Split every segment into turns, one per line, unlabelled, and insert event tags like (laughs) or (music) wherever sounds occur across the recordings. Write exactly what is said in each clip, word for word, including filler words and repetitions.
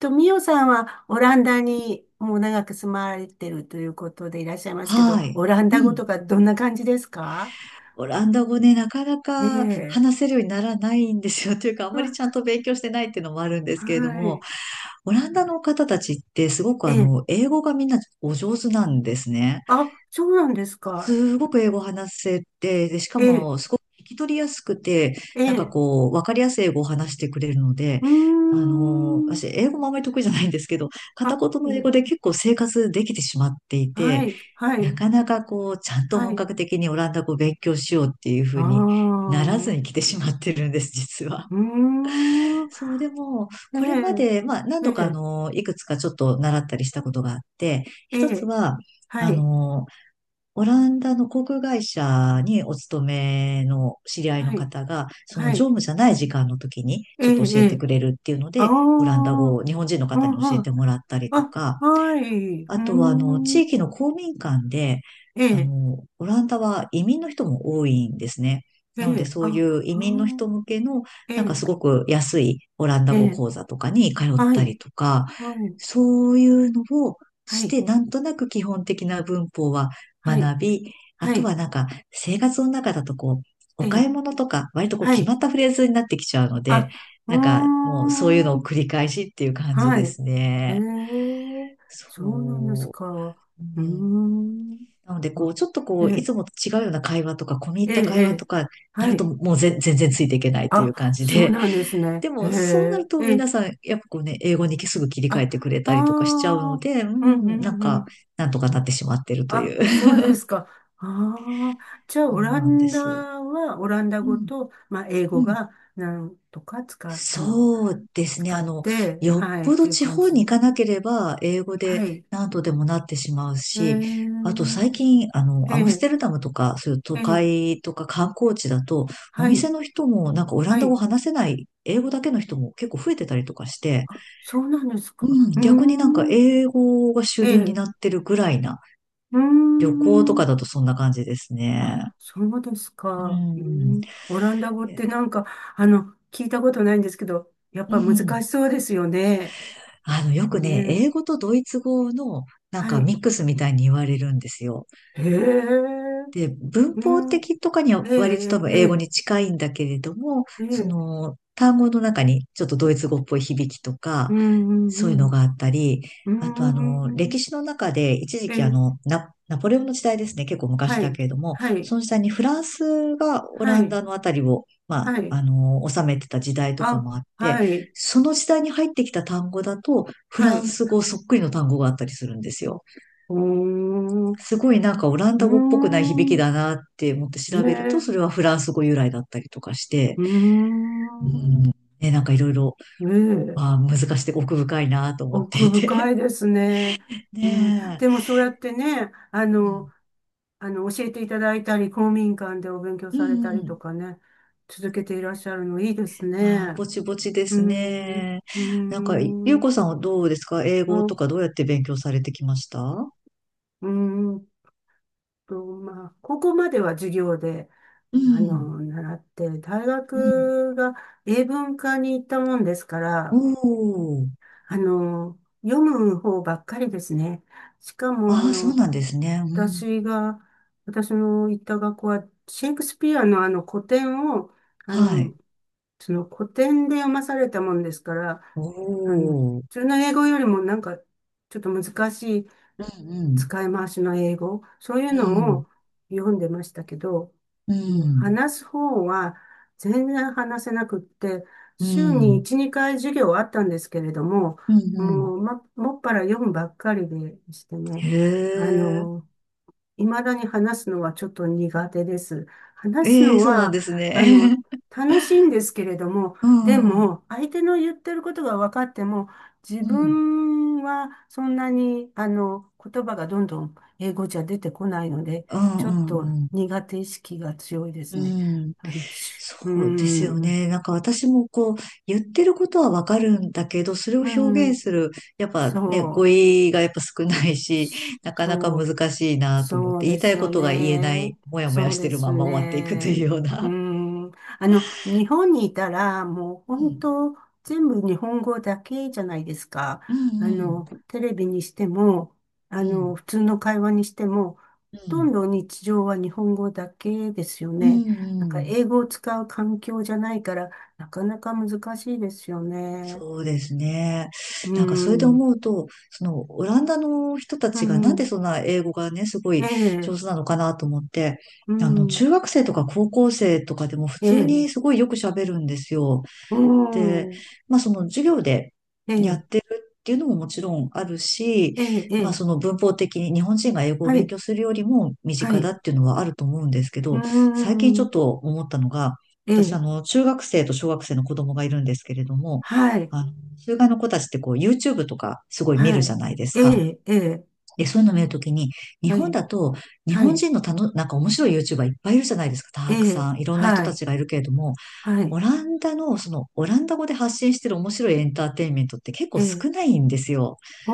と、ミオさんはオランダにもう長く住まれてるということでいらっしゃいますけど、
はい。
オラン
う
ダ語と
ん。
かどんな感じですか？
オランダ語ね、なかな
え
か
え。
話せるようにならないんですよ。(laughs) というか、あん
う
まり
ん、
ちゃんと勉強してないっていうのもあるんですけれど
は
も、
い。
オランダの方たちってすごく
え
あ
え。
の、英語がみんなお上手なんですね。
あ、そうなんですか。
すごく英語を話せて、で、しか
ええ、
もすごく聞き取りやすくて、
え
なんか
え。
こう、わかりやすい英語を話してくれるので、
うー
あのー、
ん。
私、英語もあまり得意じゃないんですけど、片言
あ、え
の英語で
え、
結構生活できてしまってい
は
て、
い、は
な
い、
かなかこう、ちゃんと
は
本
い。
格的にオランダ語を勉強しようっていうふ
あ
うになら
あ、
ず
う
に来てしまってるんです、実は。
ーん。
そう、でも、
え
これま
え、
で、まあ、何
え
度かあ
え、
の、いくつかちょっと習ったりしたことがあって、
え
一つ
え、
は、
は
あ
い、
のオランダの航空会社にお勤めの知り合いの
はい、
方が、その
は
乗
い。
務じゃない時間の時に
え
ちょっと
え、
教
え
えて
え。
くれるっていうの
ああ、う
で、オランダ
ん
語を日本人の方に教え
う
て
ん。
もらったりと
あ、
か、
はい。う
あ
ー
とは、あの、地
ん。
域の公民館で、
え
あ
え、
の、オランダは移民の人も多いんですね。
え
なので、
え、
そうい
あ、
う移
う
民の
ーん、
人向けの、
え
なんか
え、
すごく安いオランダ
え
語
え、
講座とかに通っ
は
た
い、
りとか、
はい、
そういうのを
は
し
い、
て、なんとなく基本的な文法は
はい、
学び、あ
は
と
い、
はなんか生活の中だとこう、
え
お買
え、
い物とか、割とこう
は
決ま
い、
ったフレーズになってきちゃうので、
あ、はー
なんかもうそういうのを繰
ん、
り返しっていう感じ
は
で
い、
す
え
ね。
え、
そ
そうなんですか。
う。う
うー
ん。
ん。
なので、こ
あ、
う、ちょっと
え
こう、い
え、
つもと違うような会話とか、込み入
え
っ
え、
た
え
会話と
え、
か、な
は
ると
い。
もうぜ全然ついていけないという感
あ、
じ
そう
で、
なん
(laughs)
ですね。
で
え
も、そうなる
え、
と
ええ、
皆さん、やっぱこうね、英語にすぐ切り
あ、
替
あ、
えてくれたりとかしちゃうの
あ、
で、う
うん、う
ん、なん
ん、う
か、
ん。
なんとかなってしまってるとい
あ、
う。
そうです
(laughs)
か。あ、あ、じゃあ、
そ
オ
う
ラ
なんで
ンダ
す。
は、オランダ
う
語
ん。
と、まあ、英
う
語
ん。
が、なんとか使う、あの、
そうですね。
使
あ
っ
の、
て、
よっ
はい、っ
ぽ
て
ど
いう
地
感
方に行
じ。
かなければ、英語
は
で
い。
何とでもなってしまう
え
し、あと最
ー、
近、あの、
え
アムス
え、
テルダムとか、そういう
え
都
え、
会とか観光地だと、お
は
店
い、
の人もなんかオラン
は
ダ語
い。
話せない、英語だけの人も結構増えてたりとかして、
あ、そうなんです
う
か。
ん、
うー
逆になんか
ん、
英語が主
え
流に
え、
なってるぐらいな、
うー
旅行とか
ん。
だとそんな感じですね。
あ、そうです
う
か。うー
ん。
ん、オランダ語ってなんか、あの、聞いたことないんですけど、やっ
う
ぱ難
ん。
しそうですよね。
あの、よく
ね
ね、英
え。
語とドイツ語のなん
は
か
い。
ミックスみたいに言われるんですよ。
へえ、
で、文
う
法
ん、
的とかには
え
割と多
え、
分
え
英語
え、
に近いんだけれども、
え
そ
え、
の単語の中にちょっとドイツ語っぽい響きと
う
か、
ん、う
そういうの
ん、
があったり、
う
あとあの、
ん、
歴
うん、
史の中で一時
え
期あ
え、
の、ナ、ナポレオンの時代ですね、結構昔
は
だ
い、
けれども、
はい、
その時代にフランスがオ
は
ラン
い、
ダのあたりを、まあ、
はい、
あの、治めてた時代とか
あ、
もあって、
はい、
その時代に入ってきた単語だと、フ
は
ラン
い、
ス語そっくりの単語があったりするんですよ。
おー、
すごいなんかオラン
うー
ダ語っぽくない響き
ん、
だなって思って
ええ、
調べると、それはフランス語由来だったりとかして、
うー
うん、
ん、
ね、なんかいろいろ、
ええ、
まあ難しくて奥深いなと思って
奥
い
深
て。
いですね。
(laughs)
うん、
ね
で
え。
もそうやってね、あ
う
の、
ん、
あの、教えていただいたり、公民館でお勉強
う
された
んう
りと
ん。
かね、続けていらっしゃるのいいです
まあ、
ね。
ぼちぼちで
うー
す
ん、
ね。
う
なん
ー
か、ゆう
ん、
こさんはどうですか？英
あ、
語と
う
かどうやって勉強されてきました？
ーんと、まあ、高校までは授業で、
う
あ
ん。
の、習って、大
うん。
学が英文科に行ったもんですか
お
ら、
ー。
あの、読む方ばっかりですね。しかも、あ
ああ、そう
の、
なんですね。うん。
私が、私の行った学校は、シェイクスピアのあの古典を、あ
は
の、
い。
その古典で読まされたもんですから、
お
あの、普
ー。
通の英語よりもなんか、ちょっと難しい、
うん
使い回しの英語、そういう
う
の
ん。
を読んでましたけど、
うん。
もう
うん。
話す方は全然話せなくって、
う
週に
ん。
いち、にかい授業はあったんですけれども、
うん。
もう、ま、もっぱら読むばっかりでしてね、
へ
あ
え。
の、未だに話すのはちょっと苦手です。話す
え
の
え、そうなん
は、
です
あ
ね。
の、楽しいんですけれども、
(laughs) う
で
ん。うん。
も、相手の言ってることが分かっても、自
う
分はそんなに、あの、言葉がどんどん英語じゃ出てこないので、
ん。う
ちょっと
ん。うん。
苦手意識が強いで
う
すね。
ん。
あのし
そ
うー
うですよ
ん、う
ね。なんか私もこう、言ってることはわかるんだけど、それを
ー
表現
ん、
する、やっぱね、語
そう、
彙がやっぱ少ないし、(laughs) なかなか
そう。
難しいなと思っ
そ
て、
う
言い
で
た
す
いこ
よ
とが言えな
ね。
い、もやもや
そう
して
で
る
す
まま終わっていくとい
ね。
うよう
う
な。
ん。あの、日本にいたら、もう
う
本
ん、
当、全部日本語だけじゃないですか。
う
あ
ん、
の、テレビにしても、あ
うん、うん、
の、普通の会話にしても、ほとんど日常は日本語だけですよ
うん、
ね。なん
う
か
ん。
英語を使う環境じゃないから、なかなか難しいですよね。
そうですね。
う
なんかそれで
ん。
思うと、そのオランダの人た
う
ちがなんで
ん。
そんな英語がね、すご
え
い上手
え。
なのかなと思って、
う
あの
ん。
中学生とか高校生とかでも普
え
通
え。
にすごいよく喋るんですよ。
う
で、
ん。
まあその授業で
え
やっ
え。
てるっていうのももちろんあるし、
ええ、え
まあ
え、
その文法的に日本人が英語を
は
勉
い、
強するよりも身
は
近だ
い、
っていうのはあると思うんですけ
うー
ど、最近ちょっ
ん、
と思ったのが、
え
私あ
え、
の中学生と小学生の子供がいるんですけれども、
はい、
あの、中外の子たちってこう YouTube とかすごい見
は
るじ
い、
ゃないです
え
か。
え、ええ、
で、そういうの見るときに、日
は
本
い、
だと日
は
本
い、
人のたの、なんか面白い YouTuber いっぱいいるじゃないですか。
え
たく
え、
さん。いろんな人
は
た
い、
ちがいるけれども、
は
オ
い、
ランダの、その、オランダ語で発信してる面白いエンターテインメントって結
え
構
え、
少ないんですよ。
お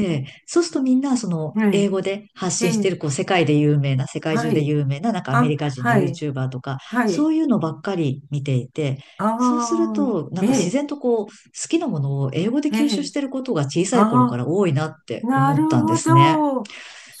ー、
そうするとみんな、その、
え
英
え、
語で発
え
信し
え、
てる、こう、世界で有名な、世界
は
中で
い、
有名な、なんかアメ
あ、
リカ人の
はい、
YouTuber とか、
は
そ
い、
ういうのばっかり見ていて、そうする
あ
と、
ー、
なん
え
か自
え、
然とこう、好きなものを英語で
え
吸収
え、
してることが小さい頃か
あ
ら多いなっ
ー、
て
な
思
る
ったんで
ほ
すね。
ど、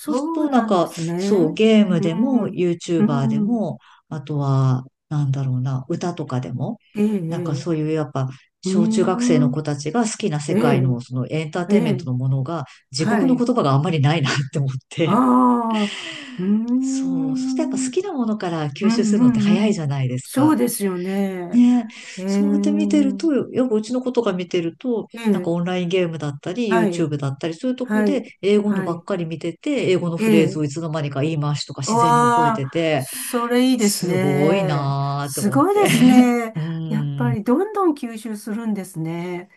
そうする
う
と、なん
なんで
か、
すね。
そう、ゲーム
う
でも、
ん、う
YouTuber で
ん、
も、あとは、なんだろうな、歌とかでも、
ええ、え
なんか
え、
そういう、やっぱ、
うー
小中学生の
ん、
子たちが好きな世
え
界
え、
の、そのエンター
え
テインメン
え、
トのものが、自
は
国の
い。
言葉があんまりないなって思って。
ああ、うー
そう、そしてやっぱ
ん、う
好
ん、
きなものから
う
吸収するのって
ん、
早
う
いじ
ん。
ゃないです
そう
か。
ですよね。
ねえ、
ええ、
そうやって見てると、やっぱうちの子とか見てると、
え
なんか
え、
オンラインゲームだったり、
はい、
YouTube だったり、そういうとこ
は
で
い、
英語の
は
ばっ
い、
かり見てて、英語の
え
フレーズをい
え。
つの間にか言い回しとか自然に覚え
わ
て
あ、
て、
それいいです
すごい
ね。
なーって
す
思っ
ごいで
て。
すね。
(laughs) う
やっぱ
ん。ね
りどんどん吸収するんですね。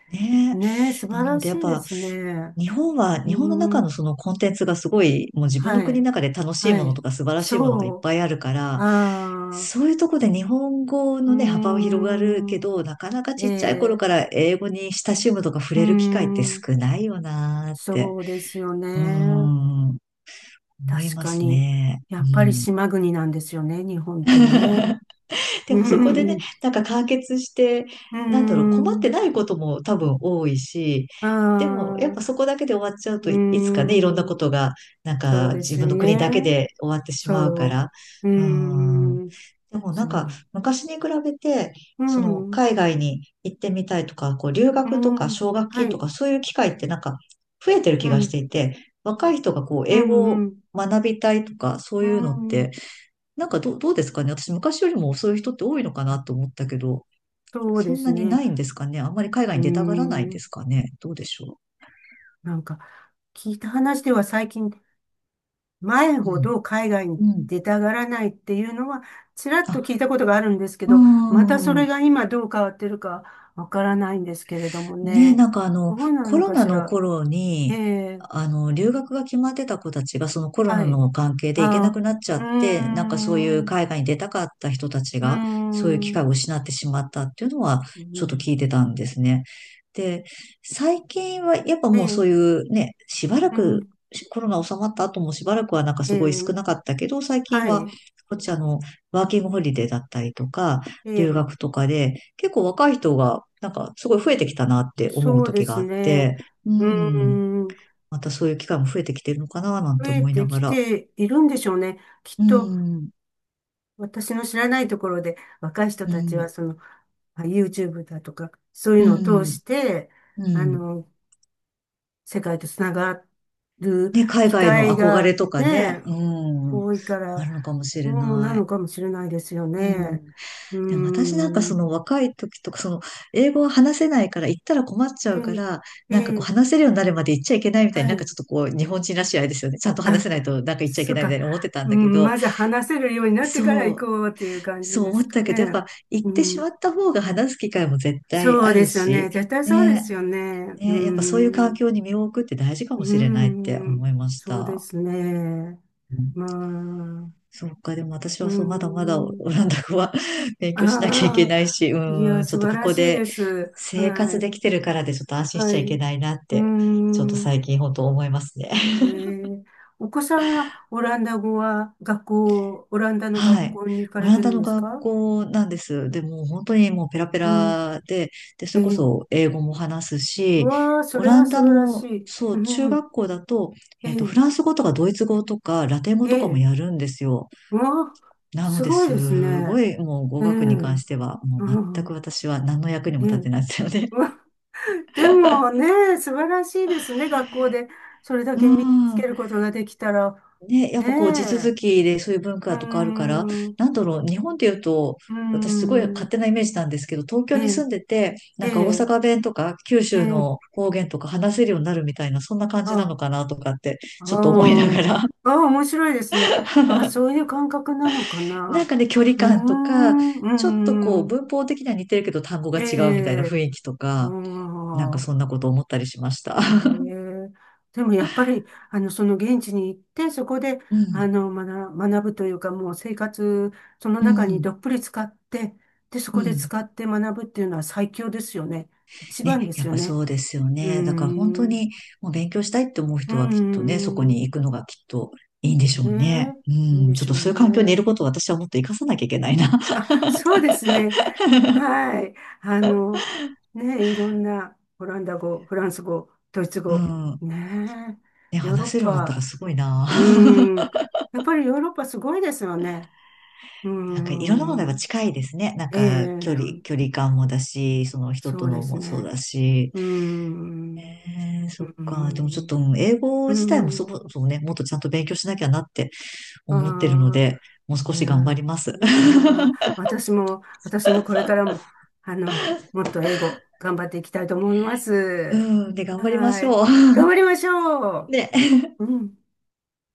え。
ねえ、素晴
な
ら
ので、
し
やっ
いで
ぱ
すね。
日本は、
うー
日本の中の
ん、
そのコンテンツがすごい、もう自分
は
の国の
い、
中で楽しい
は
もの
い、
とか素晴らしいものがいっ
そう、
ぱいあるから、
あ
そう
あ、
いうとこで日本語
うー
のね、幅は広がるけ
ん、
ど、なかなか
え
ちっちゃい頃
え。
から英語に親しむとか触
うー
れる機会って
ん、
少ないよなーって、
そうですよ
うー
ね。
ん、思い
確
ま
か
す
に。
ね。
や
う
っぱり
ん。
島国なんですよね、日本ってね。
(laughs) で
うー
もそこで
ん、
ね、
う
なんか完結して、
ー
なんだろう、困っ
ん、
てないことも多分多いし、
あ
でもやっ
あ、う
ぱそこだけで終わっちゃうといつ
ー
かね、いろんな
ん、
ことが、なん
そう
か
で
自
すよ
分の国
ね。
だけで終わってしまうか
そ
ら。
う、う
うん。
ーん、
でもな
そ
んか
う、
昔に比べて、
う
その
ん、
海外に行ってみたいとか、こう留
う
学とか
ん、
奨学
は
金と
い、
かそういう機会ってなんか増えてる
う
気がして
ん、
いて、若い人がこう
う
英語
ん、
を
うん、
学びたいとかそう
う
いうのっ
ん、
てなんかどう、どうですかね。私、昔よりもそういう人って多いのか
あ、
なと思ったけど、
そう
そ
で
ん
す
なに
ね。
ないんですかね。あんまり海外
うー
に出たがらないんで
ん、
すかね。どうでしょ
なんか、聞いた話では最近、前
う。う
ほ
ん。
ど海外に
うん。
出たがらないっていうのは、ちらっと
あ、
聞いたことがあるんですけ
うー
ど、またそれ
ん。
が今どう変わってるかわからないんですけれども
ね、
ね。
なんかあの、
どうな
コ
の
ロ
か
ナ
し
の
ら。
頃
え
に、
え、
あの、留学が決まってた子たちが、そのコロ
は
ナ
い。
の関係で行け
あ
なく
あ、
なっちゃ
う
っ
ー
て、なんかそうい
ん、
う
う
海外に出たかった人たち
ー
が、そういう機
ん、う
会を失ってしまったっていうのは、ちょっと
ん、
聞いてたんですね。で、最近はやっぱ
え
もうそ
え、
ういうね、しばら
う
く、
ん、
コロナ収まった後もしばらくはなんか
え
すごい少
え、
なかったけど、最近
は
は、
い、
こっちあの、ワーキングホリデーだったりとか、
え
留
え、
学とかで、結構若い人が、なんかすごい増えてきたなって思う
そうで
時が
す
あっ
ね。
て、う
う
ん、
ーん、
またそういう機会も増えてきてるのかななん
増
て
え
思い
て
な
き
がら、
ているんでしょうね。きっ
う
と、
ん、
私の知らないところで若い人
う
たち
ん、
はそのまあ YouTube だとかそうい
う
うのを通
ん、
して
う
あ
ん。
の世界とつながる
ね、海
機
外の
会
憧れ
が
とかね、
ね
うん、
多いから、
あるのかもしれ
うん、な
ない。
のかもしれないですよ
う
ね。
ん。
う
でも私なんかそ
ん。
の若い時とか、その英語を話せないから行ったら困っち
え
ゃうか
え、
ら、
え
なんかこう
え、
話せるようになるまで行っちゃいけないみたいに
は
なんか
い。
ちょっとこう日本人らしいあれですよね。ちゃんと話
あ、
せないとなんか行っちゃいけ
そっ
ないみた
か。
いに思ってたん
う
だけ
ん、
ど、
まず話せるようになってから
そ
行こ
う、
うっていう感じ
そう
で
思
す
っ
か
たけど、やっ
ね。
ぱ行
う
ってしま
ん、
った方が話す機会も絶対
そう
あ
で
る
すよね。
し、
絶対そうで
ね、
すよね。う
ね、やっぱそういう環
ん。
境に身を置くって大事か
うー
もしれないって
ん、
思いまし
そうで
た。
すね。
うん。
まあ、う
そうか、でも私
ー
はそう、まだまだオ
ん。
ランダ語は (laughs) 勉強しなきゃいけ
ああ、
ないし、
いや、
うん、ちょ
素
っと
晴
こ
ら
こ
しい
で
です。
生
は
活
い、
できてるからでちょっと安心し
は
ちゃい
い。
け
う
ないなっ
ー
て、ちょっと
ん、
最近本当思いますね。
えー、お子さんはオランダ語は学校、オランダの
は
学
い。
校に行か
オ
れ
ラン
て
ダ
るん
の
です
学
か？
校なんです。でもう本当にもうペラペ
うん、
ラで、で、
え
それこ
ー、
そ英語も話す
う
し、
わあ、そ
オ
れ
ラ
は
ン
素
ダ
晴らし
の、
い。
そ
う
う、中
ん、
学校だと、
え
えっと、フ
ー、
ランス語とかドイツ語とかラテン語
え
とかも
ー、
やるんですよ。
うわあ、
なの
す
で、
ごいです
すご
ね。
いもう語
え
学に関
ー、
しては、もう
う
全く
ん、
私は何の役に
え
も立
ー、
てないですよね。
うわ、でもね、素晴らしいですね。学校でそれ
(laughs)
だ
う
け身につけ
ん。
ることができたら。
ね、やっ
ね
ぱこう地
え。
続きでそういう文
うー
化とかあるから、
ん。う
なんだろう、日本で言うと、
ー
私すごい
ん。
勝手なイメージなんですけど、東
え
京に
え。
住んでて、な
え
んか大
え。
阪弁とか九
え
州
え。
の方言とか話せるようになるみたいな、そんな感じなの
あ、
かなとかって、
あ
ちょっと思いなが
ー、
ら。
あー、面白いですね。あ、そ
(laughs)
ういう感覚なのか
なん
な。
かね、距離
うー
感とか、
ん。
ちょっとこ
う
う
ーん。
文法的には似てるけど単語が
え
違うみたいな雰
え。
囲気と
うー
か、なんか
ん。
そんなこと思ったりしました。
へ
(laughs)
え、でもやっぱり、あの、その現地に行って、そこで、
う
あ
ん、
の、学、学ぶというか、もう生活、その
う
中に
ん、
どっぷり使って、で、そ
う
こで
ん。
使って学ぶっていうのは最強ですよね。一
ね、
番で
や
す
っ
よ
ぱそ
ね。
うですよ
うー
ね。だから本当
ん。
にもう勉強したいって思う
うー
人はきっとね、そこに
ん。
行くのがきっといいんでしょ
ね
うね。う
え、いいん
ん、
で
ちょ
し
っ
ょ
と
う
そういう環境にい
ね。
ることを私はもっと活かさなきゃいけないな。
あ、
(laughs)
そうですね。はい。あの、ねえ、いろんな、オランダ語、フランス語、ドイツ
う
語、
ん。
ね
ね、
え、ヨーロッ
話せるようになったら
パ、
すごいな。
う
(laughs)
ーん。やっぱりヨーロッパすごいですよね。うー
なんかいろんなものが
ん。
近いですね。なん
え
か距
え、
離、距離感もだし、その人
そ
と
うで
の
す
もそう
ね。
だし。
うーん。
えー、
う
そっ
ー
か。でもちょっと、
ん。
うん英語
うー
自体もそ
ん。
もそもね、もっとちゃんと勉強しなきゃなって
あ
思ってるの
あ、
で、もう少
い
し頑張
や、
ります。(laughs)
まあ、私も、私もこれからも、あの、もっと英語頑張っていきたいと思いま
う
す。
ん、で、頑張りま
は
し
い。
ょう。
頑張りましょ
(laughs) ね。
う。うん。